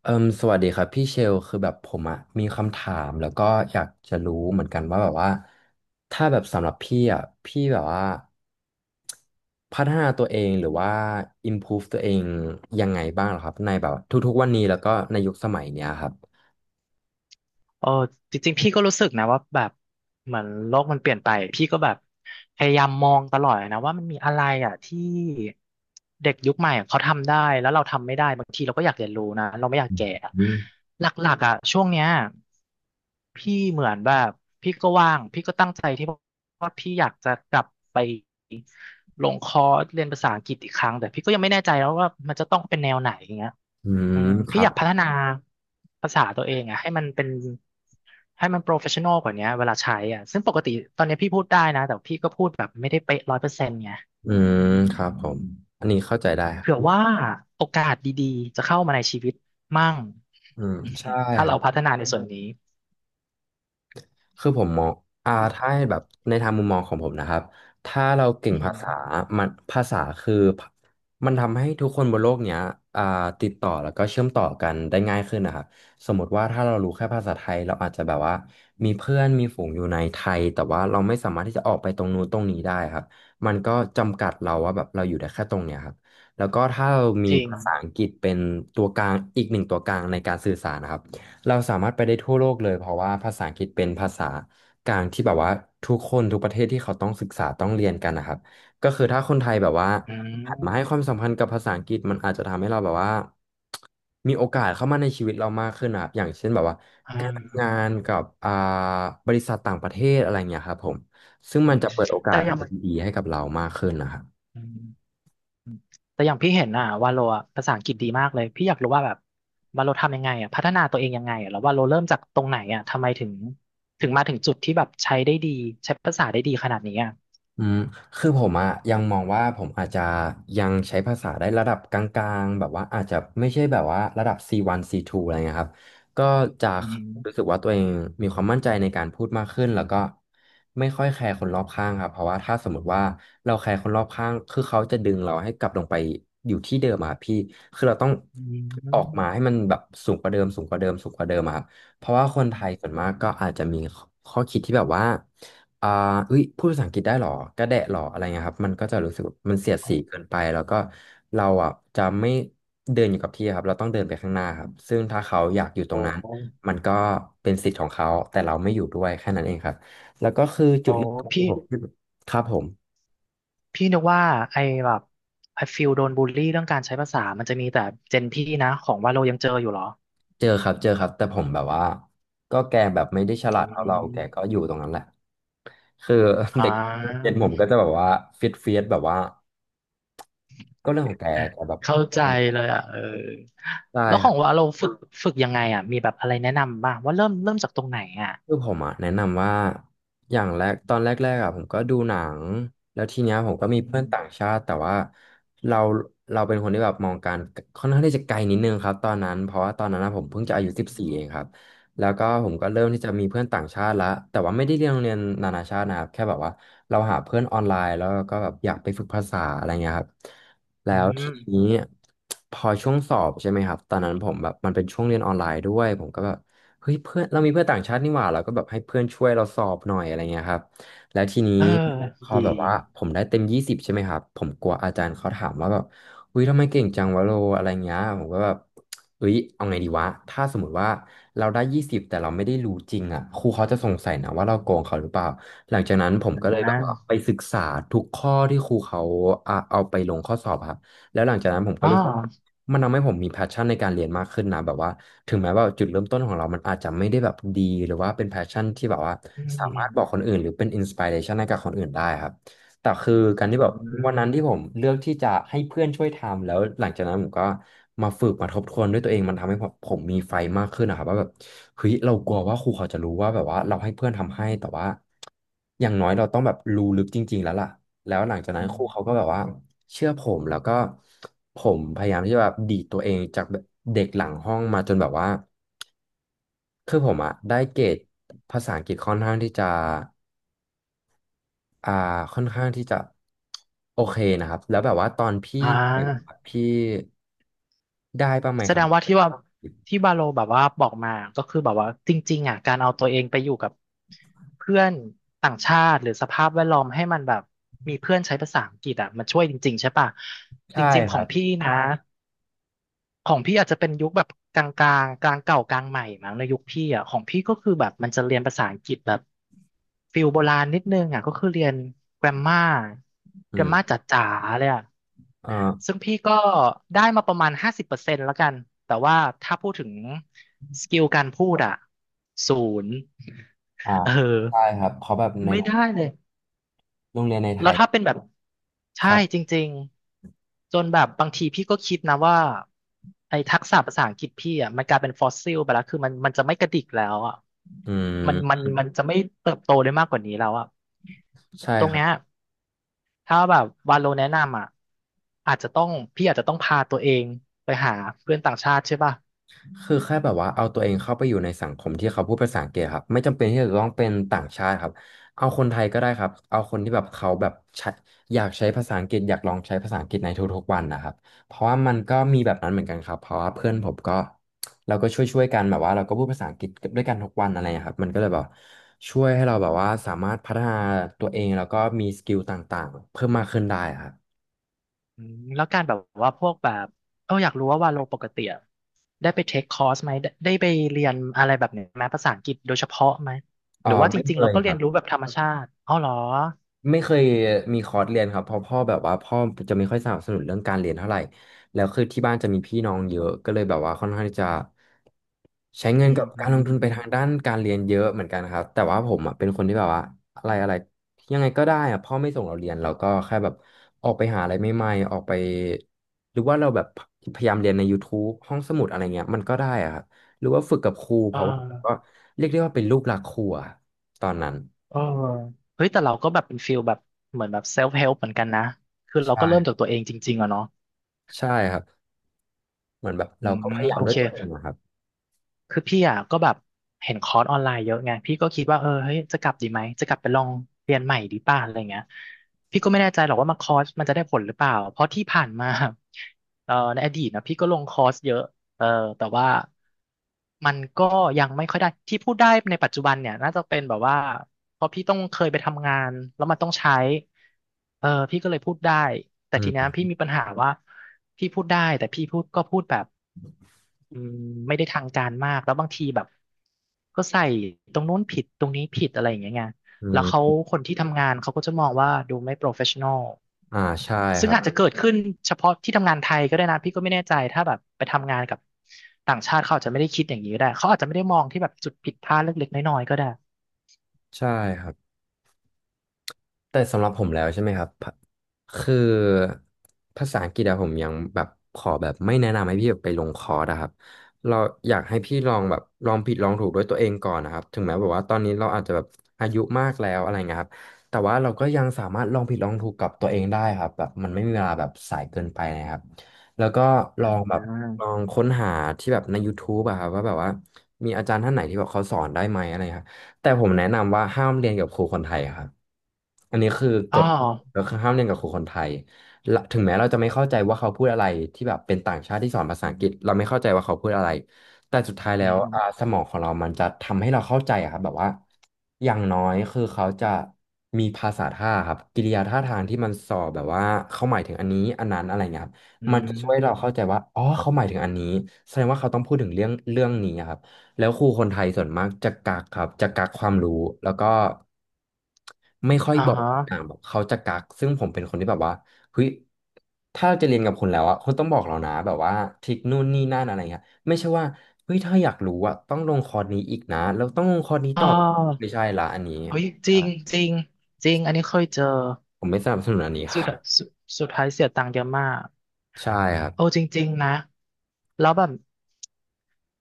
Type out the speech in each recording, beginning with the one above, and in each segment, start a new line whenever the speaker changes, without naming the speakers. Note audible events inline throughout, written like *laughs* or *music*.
เอิมสวัสดีครับพี่เชลคือแบบผมอะมีคำถามแล้วก็อยากจะรู้เหมือนกันว่าแบบว่าถ้าแบบสำหรับพี่อะพี่แบบว่าพัฒนาตัวเองหรือว่า improve ตัวเองยังไงบ้างเหรอครับในแบบทุกๆวันนี้แล้วก็ในยุคสมัยเนี้ยครับ
เออจริงๆพี่ก็รู้สึกนะว่าแบบเหมือนโลกมันเปลี่ยนไปพี่ก็แบบพยายามมองตลอดนะว่ามันมีอะไรอ่ะที่เด็กยุคใหม่เขาทำได้แล้วเราทำไม่ได้บางทีเราก็อยากเรียนรู้นะเราไม่อยากแก่อะ
อืม
หลักๆอ่ะช่วงเนี้ยพี่เหมือนแบบพี่ก็ว่างพี่ก็ตั้งใจที่ว่าพี่อยากจะกลับไปลงคอร์สเรียนภาษาอังกฤษอีกครั้งแต่พี่ก็ยังไม่แน่ใจแล้วว่ามันจะต้องเป็นแนวไหนอย่างเงี้ย
อืม
อืม
ค
พี่
รั
อ
บ
ยากพัฒนาภาษาตัวเองอะให้มันเป็นให้มันโปรเฟชชั่นอลกว่านี้เวลาใช้อ่ะซึ่งปกติตอนนี้พี่พูดได้นะแต่พี่ก็พูดแบบไม่ได้เป๊ะ100%ไง
อืมครับผมอันนี้เข้าใจได้ครับ
เผื่อว่าโอกาสดีๆจะเข้ามาในชีวิตมั่ง
อืม
อืม
ใช่
ถ้า
ครั
เรา
บ
พัฒนาในส่วนนี้
คือผมมองถ้าให้แบบในทางมุมมองของผมนะครับถ้าเราเก่ง
อื
ภา
ม
ษามันภาษาคือมันทำให้ทุกคนบนโลกเนี้ยอ่าติดต่อแล้วก็เชื่อมต่อกันได้ง่ายขึ้นนะครับสมมติว่าถ้าเรารู้แค่ภาษาไทยเราอาจจะแบบว่ามีเพื่อนมีฝูงอยู่ในไทยแต่ว่าเราไม่สามารถที่จะออกไปตรงนู้นตรงนี้ได้ครับมันก็จำกัดเราว่าแบบเราอยู่ได้แค่ตรงเนี้ยครับแล้วก็ถ้าเรามี
จริง
ภาษาอังกฤษเป็นตัวกลางอีกหนึ่งตัวกลางในการสื่อสารนะครับ เราสามารถไปได้ทั่วโลกเลยเพราะว่าภาษาอังกฤษเป็นภาษากลางที่แบบว่าทุกคนทุกประเทศที่เขาต้องศึกษาต้องเรียนกันนะครับก็คือถ้าคนไทยแบบว่า
อื
หันมาให้ค
ม
วามสำคัญกับภาษาอังกฤษมันอาจจะทำให้เราแบบว่ามีโอกาสเข้ามาในชีวิตเรามากขึ้นนะครับอย่างเช่นแบบว่า
อ่
การทำงา
า
นกับบริษัทต่างประเทศอะไรเงี้ยครับผมซึ่ง
อื
มัน
ม
จะเปิดโอกา
แต่
ส
อย่าง
ดีๆให้กับเรามากขึ้นนะครับ
อืม อืมแต่อย่างพี่เห็นอ่ะวาโลอะภาษาอังกฤษดีมากเลยพี่อยากรู้ว่าแบบวาโลทำยังไงอ่ะพัฒนาตัวเองยังไงอ่ะแล้ววาโลเริ่มจากตรงไหนอ่ะทำไมถึงมาถึงจุดที่แบบใช้ได้ดีใช้ภาษาได้ดีขนาดนี้อ่ะ
อืมคือผมอะยังมองว่าผมอาจจะยังใช้ภาษาได้ระดับกลางๆแบบว่าอาจจะไม่ใช่แบบว่าระดับ C1 C2 อะไรเงี้ยครับก็จะ
อืม
รู้สึกว่าตัวเองมีความมั่นใจในการพูดมากขึ้นแล้วก็ไม่ค่อยแคร์คนรอบข้างครับเพราะว่าถ้าสมมติว่าเราแคร์คนรอบข้างคือเขาจะดึงเราให้กลับลงไปอยู่ที่เดิมอะครับพี่คือเราต้อง
อื
ออก
ม
มาให้มันแบบสูงกว่าเดิมสูงกว่าเดิมสูงกว่าเดิมอะครับ เพราะว่าคนไท
อื
ยส่วน
ม
มากก็อาจจะมีข้อคิดที่แบบว่าอ่าอุ้ยพูดภาษาอังกฤษได้หรอกระแดะหรออะไรเงี้ยครับมันก็จะรู้สึกมันเสียด
โอ้
สี
โห
เกินไปแล้วก็เราอ่ะจะไม่เดินอยู่กับที่ครับเราต้องเดินไปข้างหน้าครับซึ่งถ้าเขาอยากอยู่ตรงนั้น มันก็เป็นสิทธิ์ของเขา แต่เราไม่อยู่ด้วยแค่นั้นเองครับแล้วก็คือจุ
โอ้
ดเริ่มต้นขอ
พี่
งผมที่ครับผม
พี่นึกว่าไอ้แบบไอ้ฟิลโดนบูลลี่เรื่องการใช้ภาษามันจะมีแต่เจนพี่นะของวาโลยังเจออยู่เหรอ
เจอครับเจอครับ แต่ผมแบบว่าก็แกแบบไม่ได้ฉ
อื
ลาดเท่าเรา แก
ม
ก็อยู่ตรงนั้นแหละ คือ
อ่
*laughs* เด็กเรียนผมก็
า
จะแบบว่าฟิตเฟียสแบบว่าก็เรื่องของแกแกแบบ
เข้า
เ
ใจเลย
อา
อ่ะเออ
ได้
แล้ว
ค
ข
รั
อง
บ
ว่าเราฝึกยังไงอ่ะมีแบบอะไรแนะนำบ้างว่าเริ่มจากตรงไหนอ่ะ
คือผมอ่ะแนะนำว่าอย่างแรกตอนแรกๆอ่ะผมก็ดูหนังแล้วทีเนี้ยผมก็มี
อื
เพื่อนต่าง
ม
ชาติแต่ว่าเราเป็นคนที่แบบมองการค่อนข้างที่จะไกลนิดนึงครับตอนนั้นเพราะว่าตอนนั้นอะผมเพิ่งจะอายุ14เองครับแล้วก็ผมก็เริ่มที่จะมีเพื่อนต่างชาติละแต่ว่าไม่ได้เรียนโรงเรียนนานาชาตินะครับแค่แบบว่าเราหาเพื่อนออนไลน์แล้วก็แบบอยากไปฝึกภาษาอะไรเงี้ยครับแล้
อื
วทีนี้
ม
พอช่วงสอบใช่ไหมครับตอนนั้นผมแบบมันเป็นช่วงเรียนออนไลน์ด้วยผมก็แบบ เฮ้ยเพื่อนเรามีเพื่อนต่างชาตินี่หว่าเราก็แบบให้เพื่อนช่วยเราสอบหน่อยอะไรเงี้ยครับแล้วทีนี้
เออ
พอ
ดี
แบบว่าผมได้เต็มยี่สิบใช่ไหมครับผมกลัวอาจารย์เขาถามว่าแบบอุ้ยทำไมเก่งจังวะโลอะไรเงี้ยผมก็แบบเอ้ยเอาไงดีวะถ้าสมมติว่าเราได้ยี่สิบแต่เราไม่ได้รู้จริงอ่ะครูเขาจะสงสัยนะว่าเราโกงเขาหรือเปล่าหลังจากนั้นผมก็เล
น
ยแบบว่าไป
ะ
ศึกษาทุกข้อที่ครูเขาอ่ะเอาไปลงข้อสอบครับ แล้วหลังจากนั้นผมก็
อ๋อ
รู้สึกมันทำให้ผมมี passion ในการเรียนมากขึ้นนะแบบว่าถึงแม้ว่าจุดเริ่มต้นของเรามันอาจจะไม่ได้แบบดีหรือว่าเป็น passion ที่แบบว่า
อื
สามารถบอกคน
ม
อื่นหรือเป็น inspiration ให้กับคนอื่นได้ครับแต่คือกา
อื
ร
ม
ที่แบบ
อืม
วันนั้นที่ผมเลือกที่จะให้เพื่อนช่วยทำแล้วหลังจากนั้นผมก็มาฝึกมาทบทวนด้วยตัวเองมันทำให้ผมมีไฟมากขึ้นนะครับว่าแบบเฮ้ยเรากลัวว่าครูเขาจะรู้ว่าแบบว่าเราให้เพื่อนทำให้แต่ว่าอย่างน้อยเราต้องแบบรู้ลึกจริงๆแล้วล่ะ แล้วหลังจากนั้นครูเขาก็
อ
แบบว่าเชื่อผมแล้วก็ผมพยายามที่จะแบบดีดตัวเองจากแบบเด็กหลังห้องมาจนแบบว่าคือผมอะได้เกรดภาษาอังกฤษค่อนข้างที่จะอ่าค่อนข้างที่จะโอเคนะครับแล้วแบบว่าตอนพี่
่
เรียน
า
อะพี่ได้บ้างไหม
แส
ค
ด
รั
งว่า
บ
ที่ว่าที่บาโลแบบว่าบอกมาก็คือแบบว่าจริงๆอ่ะการเอาตัวเองไปอยู่กับเพื่อนต่างชาติหรือสภาพแวดล้อมให้มันแบบมีเพื่อนใช้ภาษาอังกฤษอ่ะมันช่วยจริงๆใช่ป่ะจ
ใช่
ริงๆ
ค
ขอ
รั
ง
บ
พี่นะ ของพี่อาจจะเป็นยุคแบบกลางเก่ากลางใหม่มั้งในยุคพี่อ่ะของพี่ก็คือแบบมันจะเรียนภาษาอังกฤษแบบฟิลโบราณนิดนึงอ่ะก็คือเรียนแกรมมา
อื
แกรมมา
ม
จ๋าๆเลยอ่ะ
เอ่อ
ซึ่งพี่ก็ได้มาประมาณ50%แล้วกันแต่ว่าถ้าพูดถึงสกิลการพูดอ่ะศูนย์
อ่า
เอ
ใช่
อ
ครับเพราะแบบใน
ไม่ได้เลย
โรงเรียนในไท
แล้ว
ย
ถ้า
อะ
เป็นแบบ
ค
ใช่
รั
จ
บ
ริงๆจนแบบบางทีพี่ก็คิดนะว่าไอ้ทักษะภาษาอังกฤษพี่อ่ะมันกลายเป็นฟอสซิลไปแล้วคือมันจะไม่กระดิกแล้วอ่ะ
อื
มันมัน
ม
มันจะไม่เติบโตได้มากกว่านี้แล้วอ่ะ
ใช่
ตรง
ครับ
เนี้ยถ้าแบบวาโลแนะนำอ่ะอาจจะต้องพี่อาจจะต้องพาตัวเองไปหาเพื่อนต่างชาติใช่ป่ะ
คือแค่แบบว่าเอาตัวเองเข้าไปอยู่ในสังคมที่เขาพูดภาษาอังกฤษครับไม่จำเป็นที่จะต้องเป็นต่างชาติครับเอาคนไทยก็ได้ครับเอาคนที่แบบเขาแบบใช้อยากใช้ภาษาอังกฤษอยากลองใช้ภาษาอังกฤษในทุกๆวันนะครับเพราะว่ามันก็มีแบบนั้นเหมือนกันครับเพราะว่าเพื่อนผมก็เราก็ช่วยๆกันแบบว่าเราก็พูดภาษาอังกฤษด้วยกันทุกวันอะไรอย่างเงี้ยครับมันก็เลยแบบช่วยให้เราแบบว่าสามารถพัฒนาตัวเองแล้วก็มีสกิลต่างๆเพิ่มมากขึ้นได้ครับ
อืมแล้วการแบบว่าพวกแบบเอออยากรู้ว่าวาโลปกติอะได้ไปเทคคอร์สไหมได้ไปเรียนอะไรแบบเนี้ยไหมภาษาอังกฤษโดยเฉพาะไหม
อ๋
ห
อ
รือว่าจ
ไม่
ริ
เค
งๆเรา
ย
ก็
ค
เรีย
รั
น
บ
รู้แบบธรรมชาติอ๋อเหรอ
ไม่เคยมีคอร์สเรียนครับเพราะพ่อแบบว่าพ่อจะไม่ค่อยสนับสนุนเรื่องการเรียนเท่าไหร่แล้วคือที่บ้านจะมีพี่น้องเยอะก็เลยแบบว่าค่อนข้างที่จะใช้
อื
เงิน
ม
กับ
อื
การ
ม
ลงทุน
อื
ไป
ม
ทางด้านการเรียนเยอะเหมือนกันครับแต่ว่าผมอ่ะเป็นคนที่แบบว่าอะไรอะไรยังไงก็ได้อ่ะพ่อไม่ส่งเราเรียนเราก็แค่แบบออกไปหาอะไรใหม่ๆออกไปหรือว่าเราแบบพยายามเรียนในยูทูบห้องสมุดอะไรเงี้ยมันก็ได้อ่ะครับหรือว่าฝึกกับครูเพ
เออ
ราะว่าก็เรียกได้ว่าเป็นลูกหลักครูอะตอนนั้น
เออเฮ้ยแต่เราก็แบบเป็นฟิลแบบเหมือนแบบเซลฟ์เฮลป์เหมือนกันนะคือเรา
ใช่
ก็เริ่มจากตัวเองจริงๆอะเนาะ
ใช่ครับ เหมือนแบบ
อื
เรา
ม
ก็พยายา
โอ
มด้ว
เค
ยตัวเองนะครับ
คือพี่อ่ะก็แบบเห็นคอร์สออนไลน์เยอะไงพี่ก็คิดว่าเออเฮ้ยจะกลับดีไหมจะกลับไปลองเรียนใหม่ดีป่ะอะไรเงี้ยพี่ก็ไม่แน่ใจหรอกว่ามาคอร์สมันจะได้ผลหรือเปล่าเพราะที่ผ่านมา *laughs* ในอดีตนะพี่ก็ลงคอร์สเยอะ เออแต่ว่ามันก็ยังไม่ค่อยได้ที่พูดได้ในปัจจุบันเนี่ยน่าจะเป็นแบบว่าเพราะพี่ต้องเคยไปทำงานแล้วมันต้องใช้เออพี่ก็เลยพูดได้แต่
อื
ทีเนี้ย
ม
พี่มีปัญหาว่าพี่พูดได้แต่พี่พูดก็พูดแบบอืมไม่ได้ทางการมากแล้วบางทีแบบก็ใส่ตรงนู้นผิดตรงนี้ผิดอะไรอย่างเงี้ยไง
อื
แล้วเขา
ม
คนที่ทำงานเขาก็จะมองว่าดูไม่โปรเฟชชั่นอล
อ่าใช่ค
ซึ่ง
รับ
อาจจะเกิดขึ้นเฉพาะที่ทำงานไทยก็ได้นะพี่ก็ไม่แน่ใจถ้าแบบไปทำงานกับต่างชาติเขาอาจจะไม่ได้คิดอย่างนี้ก็ได้เขาอาจจะไม่ได้มองที่แบบจุดผิดพลาดเล็กๆน้อยๆก็ได้
ใช่ครับ แต่สำหรับผมแล้วใช่ไหมครับพะคือภาษาอังกฤษอะผมยังแบบขอแบบไม่แนะนำให้พี่แบบไปลงคอร์สอะครับเราอยากให้พี่ลองแบบลองผิดลองถูกด้วยตัวเองก่อนนะครับถึงแม้แบบว่าตอนนี้เราอาจจะแบบอายุมากแล้วอะไรเงี้ยครับแต่ว่าเราก็ยังสามารถลองผิดลองถูกกับตัวเองได้ครับแบบมันไม่มีเวลาแบบสายเกินไปนะครับแล้วก็ลองแบบลองค้นหาที่แบบใน YouTube อะครับว่าแบบว่ามีอาจารย์ท่านไหนที่แบบเขาสอนได้ไหมอะไร แต่ผมแนะนำว่าห้ามเรียนกับครูคนไทยครับอันนี้คือก
อ๋อ
ฎก็คือห้ามเรียนกับครูคนไทยละถึงแม้เราจะไม่เข้าใจว่าเขาพูดอะไรที่แบบเป็นต่างชาติที่สอนภาษาอังกฤษเราไม่เข้าใจว่าเขาพูดอะไรแต่สุดท้ายแล้
อื
ว
ม
สมองของเรามันจะทำให้เราเข้าใจอะครับแบบว่าอย่างน้อยคือเขาจะมีภาษาท่าครับกิริยาท่าทางที่มันสอแบบว่าเขาหมายถึงอันนี้อันนั้นอะไรเงี้ยครับ
อื
มันจะช่วยเราเข้าใจ
ม
ว่าอ๋อเขาหมายถึงอันนี้แสดงว่าเขาต้องพูดถึงเรื่องนี้อะครับ แล้วครูคนไทยส่วนมากจะกักครับจะกักความรู้แล้วก็ไม่ค่อย
อ๋
บอก
อ
แบบเขาจะกักซึ่งผมเป็นคนที่แบบว่าเฮ้ยถ้าเราจะเรียนกับคุณแล้วอ่ะคุณต้องบอกเรานะแบบว่าทริคนู่นนี่นั่นอะไรเงี้ยไม่ใช่ว่าเฮ้ยถ้าอยากรู้อ่ะต้องลงคอร์สนี้อีกนะแล้วต้องลงคอร์สนี้
อ๋
ต่อไม่
อ
ใช่ละอันนี้
เฮ้ยจริ
ใช่
งจริงจริงอันนี้เคยเจอ
ผมไม่สนับสนุนอันนี้ค
สุ
รั
ด
บ
สุดสุดท้ายเสียตังค์เยอะมาก
ใช่ครับ
โอ้จริงๆนะแล้วแบบ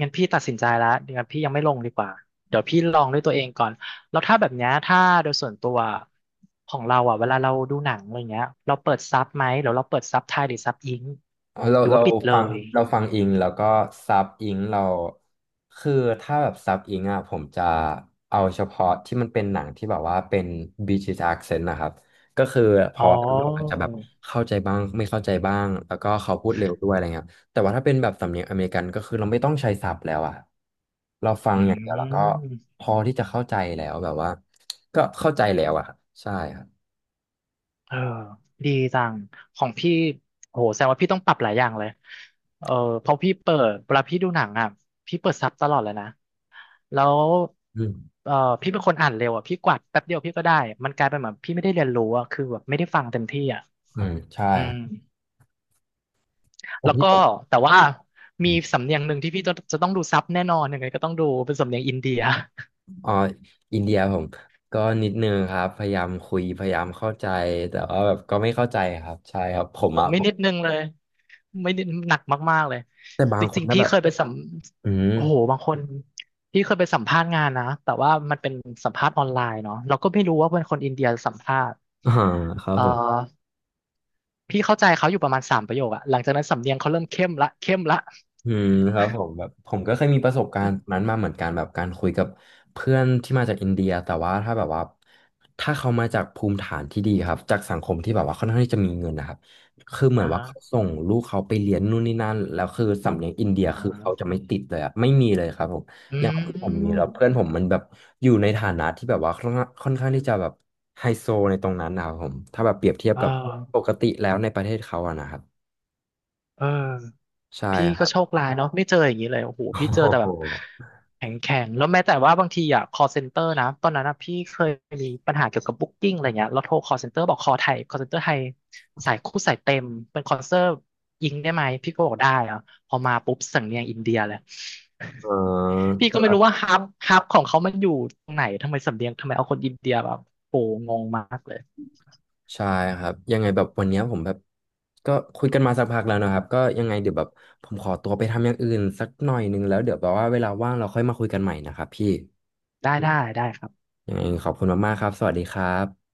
งั้นพี่ตัดสินใจแล้วเดี๋ยวพี่ยังไม่ลงดีกว่าเดี๋ยวพี่ลองด้วยตัวเองก่อนแล้วถ้าแบบเนี้ยถ้าโดยส่วนตัวของเราอ่ะเวลาเราดูหนังอะไรเงี้ยเราเปิดซับไหมหรือเราเปิดซับไทยหรือซับอิง
อ๋อเรา
หรือ
เรา
ว่าปิดเล
ฟัง
ย
เราฟังอิงแล้วก็ซับอิงเราคือถ้าแบบซับอิงอ่ะผมจะเอาเฉพาะที่มันเป็นหนังที่แบบว่าเป็น British accent นะครับก็คือเพ
อ๋อ
ราะว่าเราอาจจะแบบเข้าใจบ้างไม่เข้าใจบ้างแล้วก็เขาพูดเร็วด้วยอะไรเงี้ยแต่ว่าถ้าเป็นแบบสำเนียงอเมริกันก็คือเราไม่ต้องใช้ซับแล้วอ่ะเราฟัง
อื
อย่างเดียวแล้วก็
ม
พอที่จะเข้าใจแล้วแบบว่าก็เข้าใจแล้วอ่ะครับใช่ครับ
เออดีจังของพี่โหแสดงว่าพี่ต้องปรับหลายอย่างเลยเออเพราะพี่เปิดเวลาพี่ดูหนังอ่ะพี่เปิดซับตลอดเลยนะแล้ว
อืม
เออพี่เป็นคนอ่านเร็วอ่ะพี่กวาดแป๊บเดียวพี่ก็ได้มันกลายเป็นแบบพี่ไม่ได้เรียนรู้อ่ะคือแบบไม่ได้ฟังเต็มที่อ่ะ
อืมใช่
อื
ครั
ม
บผ
แล้
ม
ว
ที่
ก็
ผ
แต่ว่ามี
ม
สำเนียงหนึ่งที่พี่จะต้องดูซับแน่นอนยังไงก็ต้องดูเป็นสำเนียงอินเดีย
อ๋ออินเดียผมก็นิดนึงครับพยายามคุยพยายามเข้าใจแต่ว่าแบบก็ไม่เข้าใจครับใช่ครับผม
ผม
อะ
ไม่นิดนึงเลยไม่นิดหนักมากๆเลย
แต่บา
จ
งคน
ริงๆ
ถ้า
พี่
แบบ
เคยไปสัม
อืม
โอ้โหบางคนพี่เคยไปสัมภาษณ์งานนะแต่ว่ามันเป็นสัมภาษณ์ออนไลน์เนาะเราก็ไม่รู้ว่าเป็นคนอินเดียสัมภาษณ์
*laughs* อ่าครับ
เอ่อ
ผม
พี่เข้าใจเขาอยู่ประมาณสามประโยคอะหลังจากนั้นสำเนียงเขาเริ่มเข้มละเข้มละ
อืมครับผมแบบผมก็เคยมีประสบการณ์นั้นมาเหมือนกันแบบการคุยกับเพื่อนที่มาจากอินเดียแต่ว่าถ้าแบบว่าถ้าเขามาจากภูมิฐานที่ดีครับจากสังคมที่แบบว่าค่อนข้างที่จะมีเงินนะครับคือเหมือ
อ่า
นว่า
ฮะ
เขาส่งลูกเขาไปเรียนนู่นนี่นั่นแล้วคือสำเนียงอินเดีย
อ่า
คือเขาจะไม่ติดเลยอะไม่มีเลยครับผม
อื
อย่างผมมีแล้วเพื่อน
ม
ผมมันแบบอยู่ในฐานะที่แบบว่าค่อนข้างที่จะแบบไฮโซในตรงนั้นนะครับผมถ้าแบบเปรียบเทียบ
เอ
กับป
อ
กติแล้วในประเทศเขาอะนะครับ
เออ
ใช่
พี่
ค
ก็
รับ
โชคร้ายเนาะไม่เจออย่างนี้เลยโอ้โห
โอ้
พี่เจอแต่
โห
แบบแข็งแข็งแล้วแม้แต่ว่าบางทีอ่ะ call center นะตอนนั้นอะพี่เคยมีปัญหาเกี่ยวกับบุ๊กก ing อะไรเงี้ยแล้วโทร call center บอก call ไทย call center ไทยสายคู่สายเต็มเป็น call center ยิงได้ไหมพี่ก็บอกได้อ่ะพอมาปุ๊บสำเนียงอินเดียเลย
อ๋อ
พี่ก็ไม่รู้ว่าฮับของเขามันอยู่ตรงไหนทำไมสำเนียงทำไมเอาคนอินเดียแบบโอ้โหงงมากเลย
ใช่ครับยังไงแบบวันเนี้ยผมแบบก็คุยกันมาสักพักแล้วนะครับก็ยังไงเดี๋ยวแบบผมขอตัวไปทำอย่างอื่นสักหน่อยนึงแล้วเดี๋ยวแบบว่าเวลาว่างเราค่อยมาคุยกันใหม่นะครับพี่
ได้ได้ได้ครับ
ยังไงขอบคุณมากๆครับสวัสดีครับ